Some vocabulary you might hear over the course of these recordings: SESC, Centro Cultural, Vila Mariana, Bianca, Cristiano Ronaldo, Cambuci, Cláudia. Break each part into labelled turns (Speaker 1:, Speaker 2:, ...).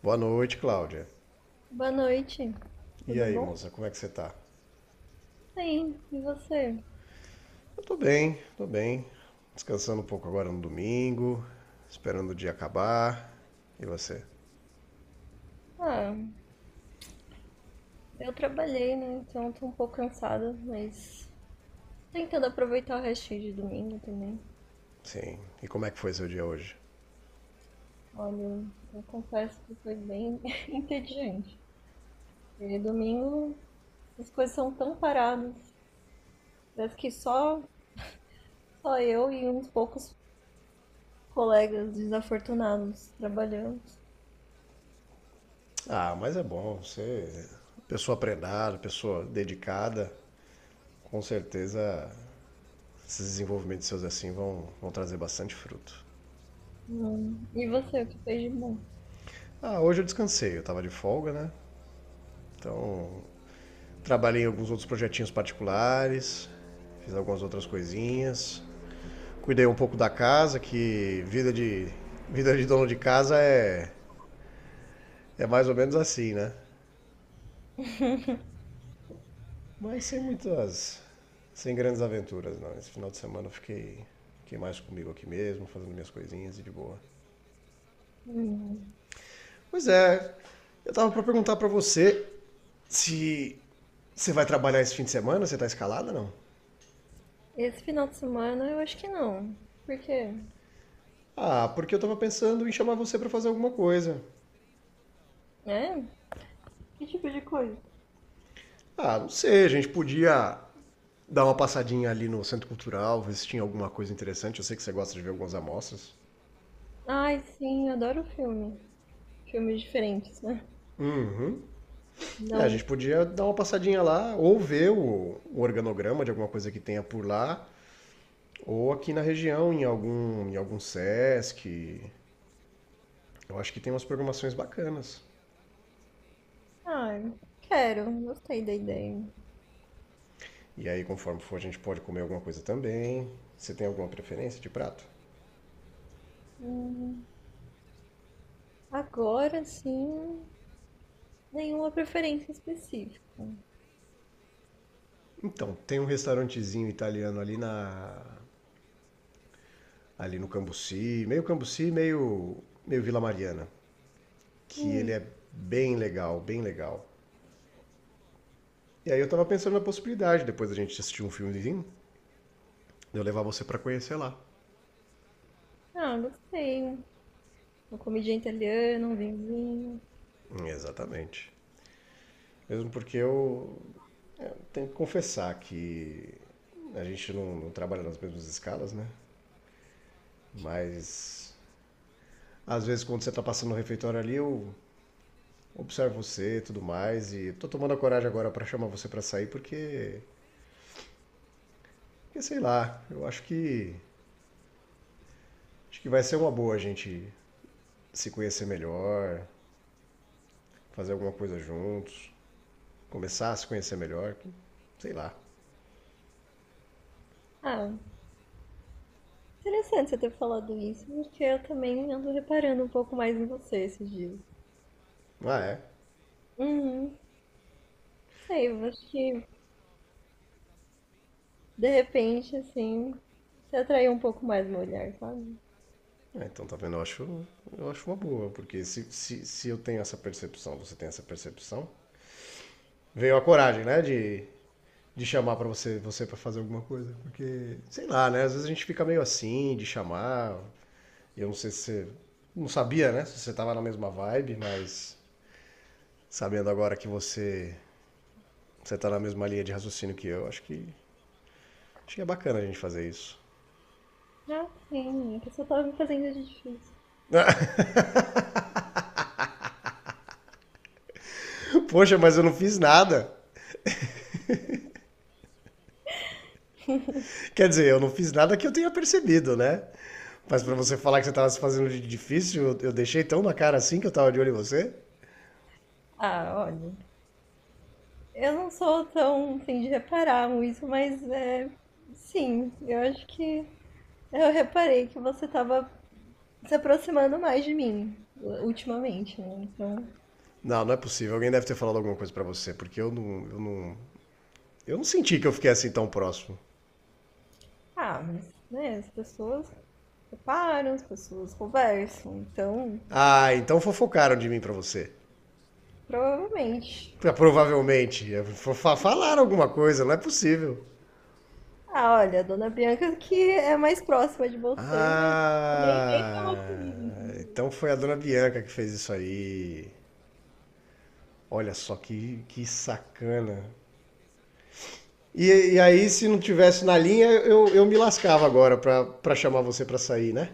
Speaker 1: Boa noite, Cláudia.
Speaker 2: Boa noite,
Speaker 1: E
Speaker 2: tudo
Speaker 1: aí,
Speaker 2: bom?
Speaker 1: moça, como é que você tá?
Speaker 2: Bem, e você?
Speaker 1: Eu tô bem, tô bem. Descansando um pouco agora no domingo, esperando o dia acabar. E você?
Speaker 2: Ah, eu trabalhei, né? Então tô um pouco cansada, mas tô tentando aproveitar o restinho de domingo também.
Speaker 1: Sim. E como é que foi seu dia hoje?
Speaker 2: Olha, eu confesso que foi bem entediante. E domingo as coisas são tão paradas. Parece que só eu e uns poucos colegas desafortunados trabalhamos.
Speaker 1: Ah, mas é bom. Você, pessoa prendada, pessoa dedicada, com certeza esses desenvolvimentos seus assim vão trazer bastante fruto.
Speaker 2: E você, o que fez de bom?
Speaker 1: Ah, hoje eu descansei, eu tava de folga, né? Então, trabalhei em alguns outros projetinhos particulares, fiz algumas outras coisinhas. Cuidei um pouco da casa, que vida de dono de casa é mais ou menos assim, né? Mas sem muitas. Sem grandes aventuras, não. Esse final de semana eu fiquei mais comigo aqui mesmo, fazendo minhas coisinhas e de boa.
Speaker 2: Hum.
Speaker 1: Pois é, eu tava pra perguntar pra você se você vai trabalhar esse fim de semana, você tá escalada não?
Speaker 2: Esse final de semana eu acho que não. Por quê?
Speaker 1: Ah, porque eu tava pensando em chamar você pra fazer alguma coisa.
Speaker 2: É? Que tipo de coisa?
Speaker 1: Ah, não sei, a gente podia dar uma passadinha ali no Centro Cultural, ver se tinha alguma coisa interessante. Eu sei que você gosta de ver algumas amostras.
Speaker 2: Ai, sim, eu adoro filme. Filmes diferentes, né?
Speaker 1: Uhum. É, a gente
Speaker 2: Não.
Speaker 1: podia dar uma passadinha lá, ou ver o organograma de alguma coisa que tenha por lá, ou aqui na região, em algum Sesc. Eu acho que tem umas programações bacanas.
Speaker 2: Ai, quero. Gostei da ideia.
Speaker 1: E aí, conforme for, a gente pode comer alguma coisa também. Você tem alguma preferência de prato?
Speaker 2: Hum, agora sim, nenhuma preferência específica.
Speaker 1: Então, tem um restaurantezinho italiano ali no Cambuci, meio Cambuci, meio Vila Mariana, que ele
Speaker 2: Hum,
Speaker 1: é bem legal, bem legal. E aí eu tava pensando na possibilidade depois da gente assistir um filmezinho, eu levar você para conhecer lá.
Speaker 2: ah, gostei. Uma comidinha italiana, um vinhozinho.
Speaker 1: Exatamente. Mesmo porque eu tenho que confessar que a gente não trabalha nas mesmas escalas, né? Mas às vezes quando você tá passando no refeitório ali, eu observo você e tudo mais. E tô tomando a coragem agora para chamar você para sair porque, porque, sei lá, eu acho que vai ser uma boa a gente se conhecer melhor, fazer alguma coisa juntos, começar a se conhecer melhor, sei lá.
Speaker 2: Ah, interessante você ter falado isso, porque eu também ando reparando um pouco mais em você esses dias.
Speaker 1: Ah, é.
Speaker 2: Uhum, sei, eu acho que de repente, assim, você atraiu um pouco mais uma mulher, sabe?
Speaker 1: É, então, tá vendo? Eu acho uma boa, porque se eu tenho essa percepção, você tem essa percepção, veio a coragem, né, de chamar pra você para fazer alguma coisa, porque, sei lá, né, às vezes a gente fica meio assim, de chamar, eu não sei se você, não sabia, né, se você tava na mesma vibe, mas sabendo agora que você tá na mesma linha de raciocínio que eu, acho que é bacana a gente fazer isso.
Speaker 2: Ah, sim, é que eu só tava me fazendo de difícil.
Speaker 1: Poxa, mas eu não fiz nada. Quer dizer, eu não fiz nada que eu tenha percebido, né? Mas pra você falar que você tava se fazendo de difícil, eu deixei tão na cara assim que eu tava de olho em você?
Speaker 2: Ah, olha, eu não sou tão, assim, de reparar muito, mas é, sim, eu acho que eu reparei que você tava se aproximando mais de mim ultimamente, né? Então,
Speaker 1: Não, não é possível. Alguém deve ter falado alguma coisa pra você, porque eu não senti que eu fiquei assim tão próximo.
Speaker 2: ah, mas, né, as pessoas reparam, as pessoas conversam, então,
Speaker 1: Ah, então fofocaram de mim pra você.
Speaker 2: provavelmente.
Speaker 1: Ah, provavelmente. É, falaram alguma coisa, não é possível.
Speaker 2: Ah, olha, a dona Bianca que é mais próxima de você, mas
Speaker 1: Ah, então foi a dona Bianca que fez isso aí. Olha só que sacana. E aí, se não tivesse na linha, eu me lascava agora pra chamar você pra sair, né?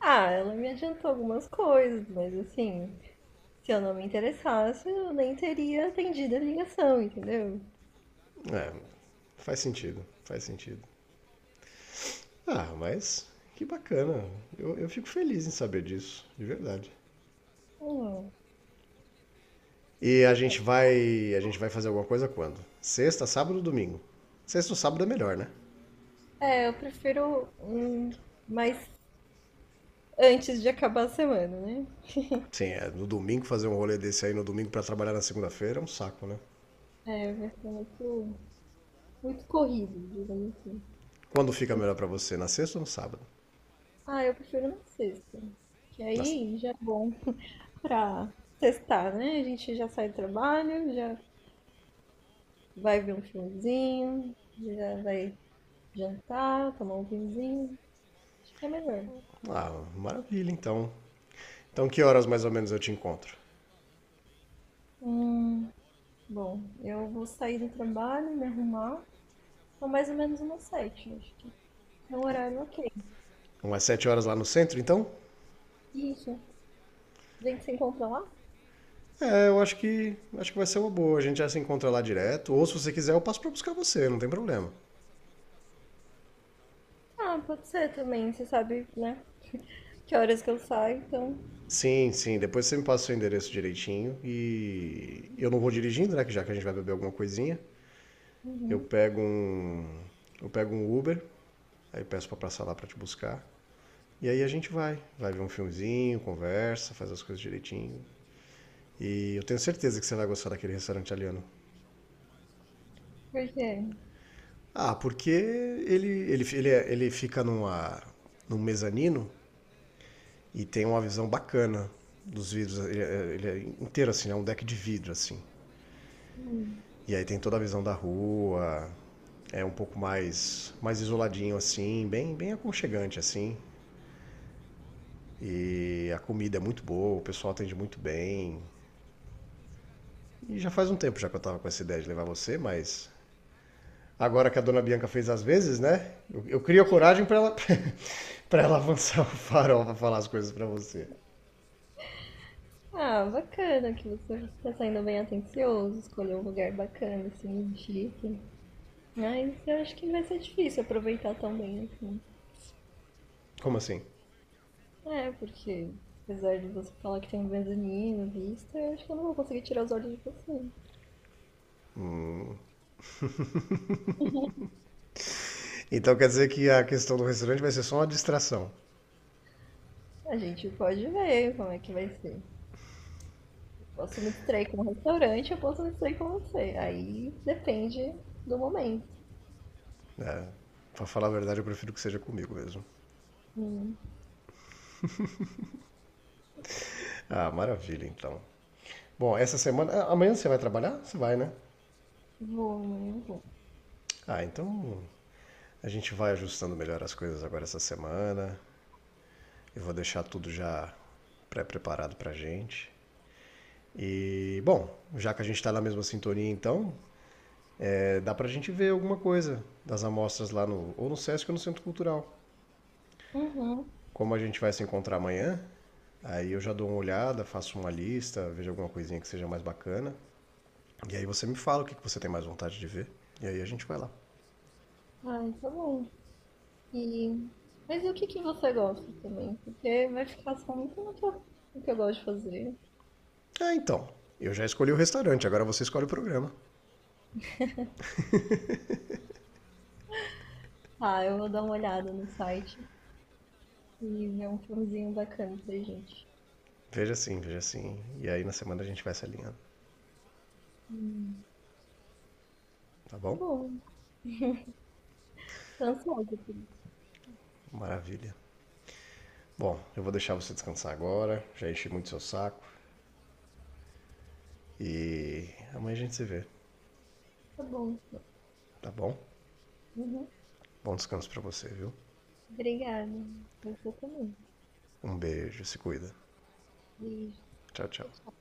Speaker 2: ah, ela me adiantou algumas coisas, mas assim, se eu não me interessasse, eu nem teria atendido a ligação, entendeu?
Speaker 1: É, faz sentido, faz sentido. Ah, mas que bacana. Eu fico feliz em saber disso, de verdade.
Speaker 2: Hum,
Speaker 1: E a
Speaker 2: é.
Speaker 1: gente vai. A gente vai fazer alguma coisa quando? Sexta, sábado ou domingo? Sexta ou sábado é melhor, né?
Speaker 2: É, eu prefiro mais antes de acabar a semana, né?
Speaker 1: Sim, é, no domingo fazer um rolê desse aí no domingo pra trabalhar na segunda-feira é um saco, né?
Speaker 2: É, vai ser muito, muito corrido, digamos assim.
Speaker 1: Quando fica
Speaker 2: Muito-
Speaker 1: melhor pra você? Na sexta ou no sábado?
Speaker 2: Ah, eu prefiro na sexta. Que
Speaker 1: Na-
Speaker 2: aí já dá pra sextar, né? A gente já sai do trabalho, já vai ver um filmezinho, já vai jantar, tomar um vinhozinho. Acho que é melhor.
Speaker 1: Ah, maravilha, então. Então que horas mais ou menos eu te encontro?
Speaker 2: Hum, bom, eu vou sair do trabalho, me arrumar. São mais ou menos umas 7, acho que é um horário ok.
Speaker 1: Umas sete horas lá no centro, então?
Speaker 2: Isso. A gente se encontra lá?
Speaker 1: É, eu acho que vai ser uma boa. A gente já se encontra lá direto. Ou se você quiser, eu passo pra buscar você, não tem problema.
Speaker 2: Ah, pode ser também, você sabe, né? Que horas que eu saio, então.
Speaker 1: Sim, sim. Depois você me passa o seu endereço direitinho e eu não vou dirigindo, né? Que já que a gente vai beber alguma coisinha, eu
Speaker 2: Uhum.
Speaker 1: pego um eu pego um Uber, aí peço pra passar lá pra te buscar. E aí a gente vai ver um filmezinho, conversa, faz as coisas direitinho. E eu tenho certeza que você vai gostar daquele restaurante italiano.
Speaker 2: Por quê?
Speaker 1: Ah, porque ele fica num mezanino e tem uma visão bacana dos vidros. Ele é inteiro assim, é um deck de vidro assim.
Speaker 2: Hum.
Speaker 1: E aí tem toda a visão da rua, é um pouco mais isoladinho assim, bem aconchegante assim. E a comida é muito boa, o pessoal atende muito bem. E já faz um tempo já que eu tava com essa ideia de levar você, mas agora que a dona Bianca fez as vezes, né? Eu crio a coragem para ela para ela avançar o farol para falar as coisas para você.
Speaker 2: Ah, bacana que você tá saindo bem atencioso, escolheu um lugar bacana, assim, chique. Mas eu acho que vai ser difícil aproveitar tão bem assim.
Speaker 1: Como assim?
Speaker 2: É, porque apesar de você falar que tem um mezanino, vista, eu acho que eu não vou conseguir tirar os olhos de você.
Speaker 1: Então quer dizer que a questão do restaurante vai ser só uma distração.
Speaker 2: A gente pode ver como é que vai ser. Posso me distrair com o restaurante, eu posso me distrair com você. Aí depende do momento.
Speaker 1: Né? Para falar a verdade, eu prefiro que seja comigo mesmo.
Speaker 2: Hum,
Speaker 1: Ah, maravilha, então. Bom, essa semana. Ah, amanhã você vai trabalhar? Você vai, né?
Speaker 2: vou, amanhã eu vou.
Speaker 1: Ah, então a gente vai ajustando melhor as coisas agora essa semana. Eu vou deixar tudo já pré-preparado pra gente. E, bom, já que a gente tá na mesma sintonia, então, é, dá pra gente ver alguma coisa das amostras lá no. ou no SESC ou no Centro Cultural.
Speaker 2: Uhum.
Speaker 1: Como a gente vai se encontrar amanhã, aí eu já dou uma olhada, faço uma lista, vejo alguma coisinha que seja mais bacana. E aí você me fala o que você tem mais vontade de ver. E aí a gente vai lá.
Speaker 2: Ai, tá bom. E... mas e o que que você gosta também? Porque vai ficar só muito no que eu gosto de fazer.
Speaker 1: Ah, então. Eu já escolhi o restaurante, agora você escolhe o programa.
Speaker 2: Ah, eu vou dar uma olhada no site e ver um filmezinho bacana pra gente.
Speaker 1: Veja assim, veja assim. E aí na semana a gente vai se alinhando,
Speaker 2: Hum.
Speaker 1: tá
Speaker 2: Tá
Speaker 1: bom?
Speaker 2: bom, tô ansiosa por isso.
Speaker 1: Maravilha. Bom, eu vou deixar você descansar agora. Já enchi muito seu saco. E amanhã a gente se vê,
Speaker 2: Tá bom.
Speaker 1: tá bom?
Speaker 2: Uhum.
Speaker 1: Bom descanso pra você, viu?
Speaker 2: Obrigada. Você também.
Speaker 1: Um beijo, se cuida.
Speaker 2: Beijo.
Speaker 1: Tchau, tchau.
Speaker 2: Tchau, tchau.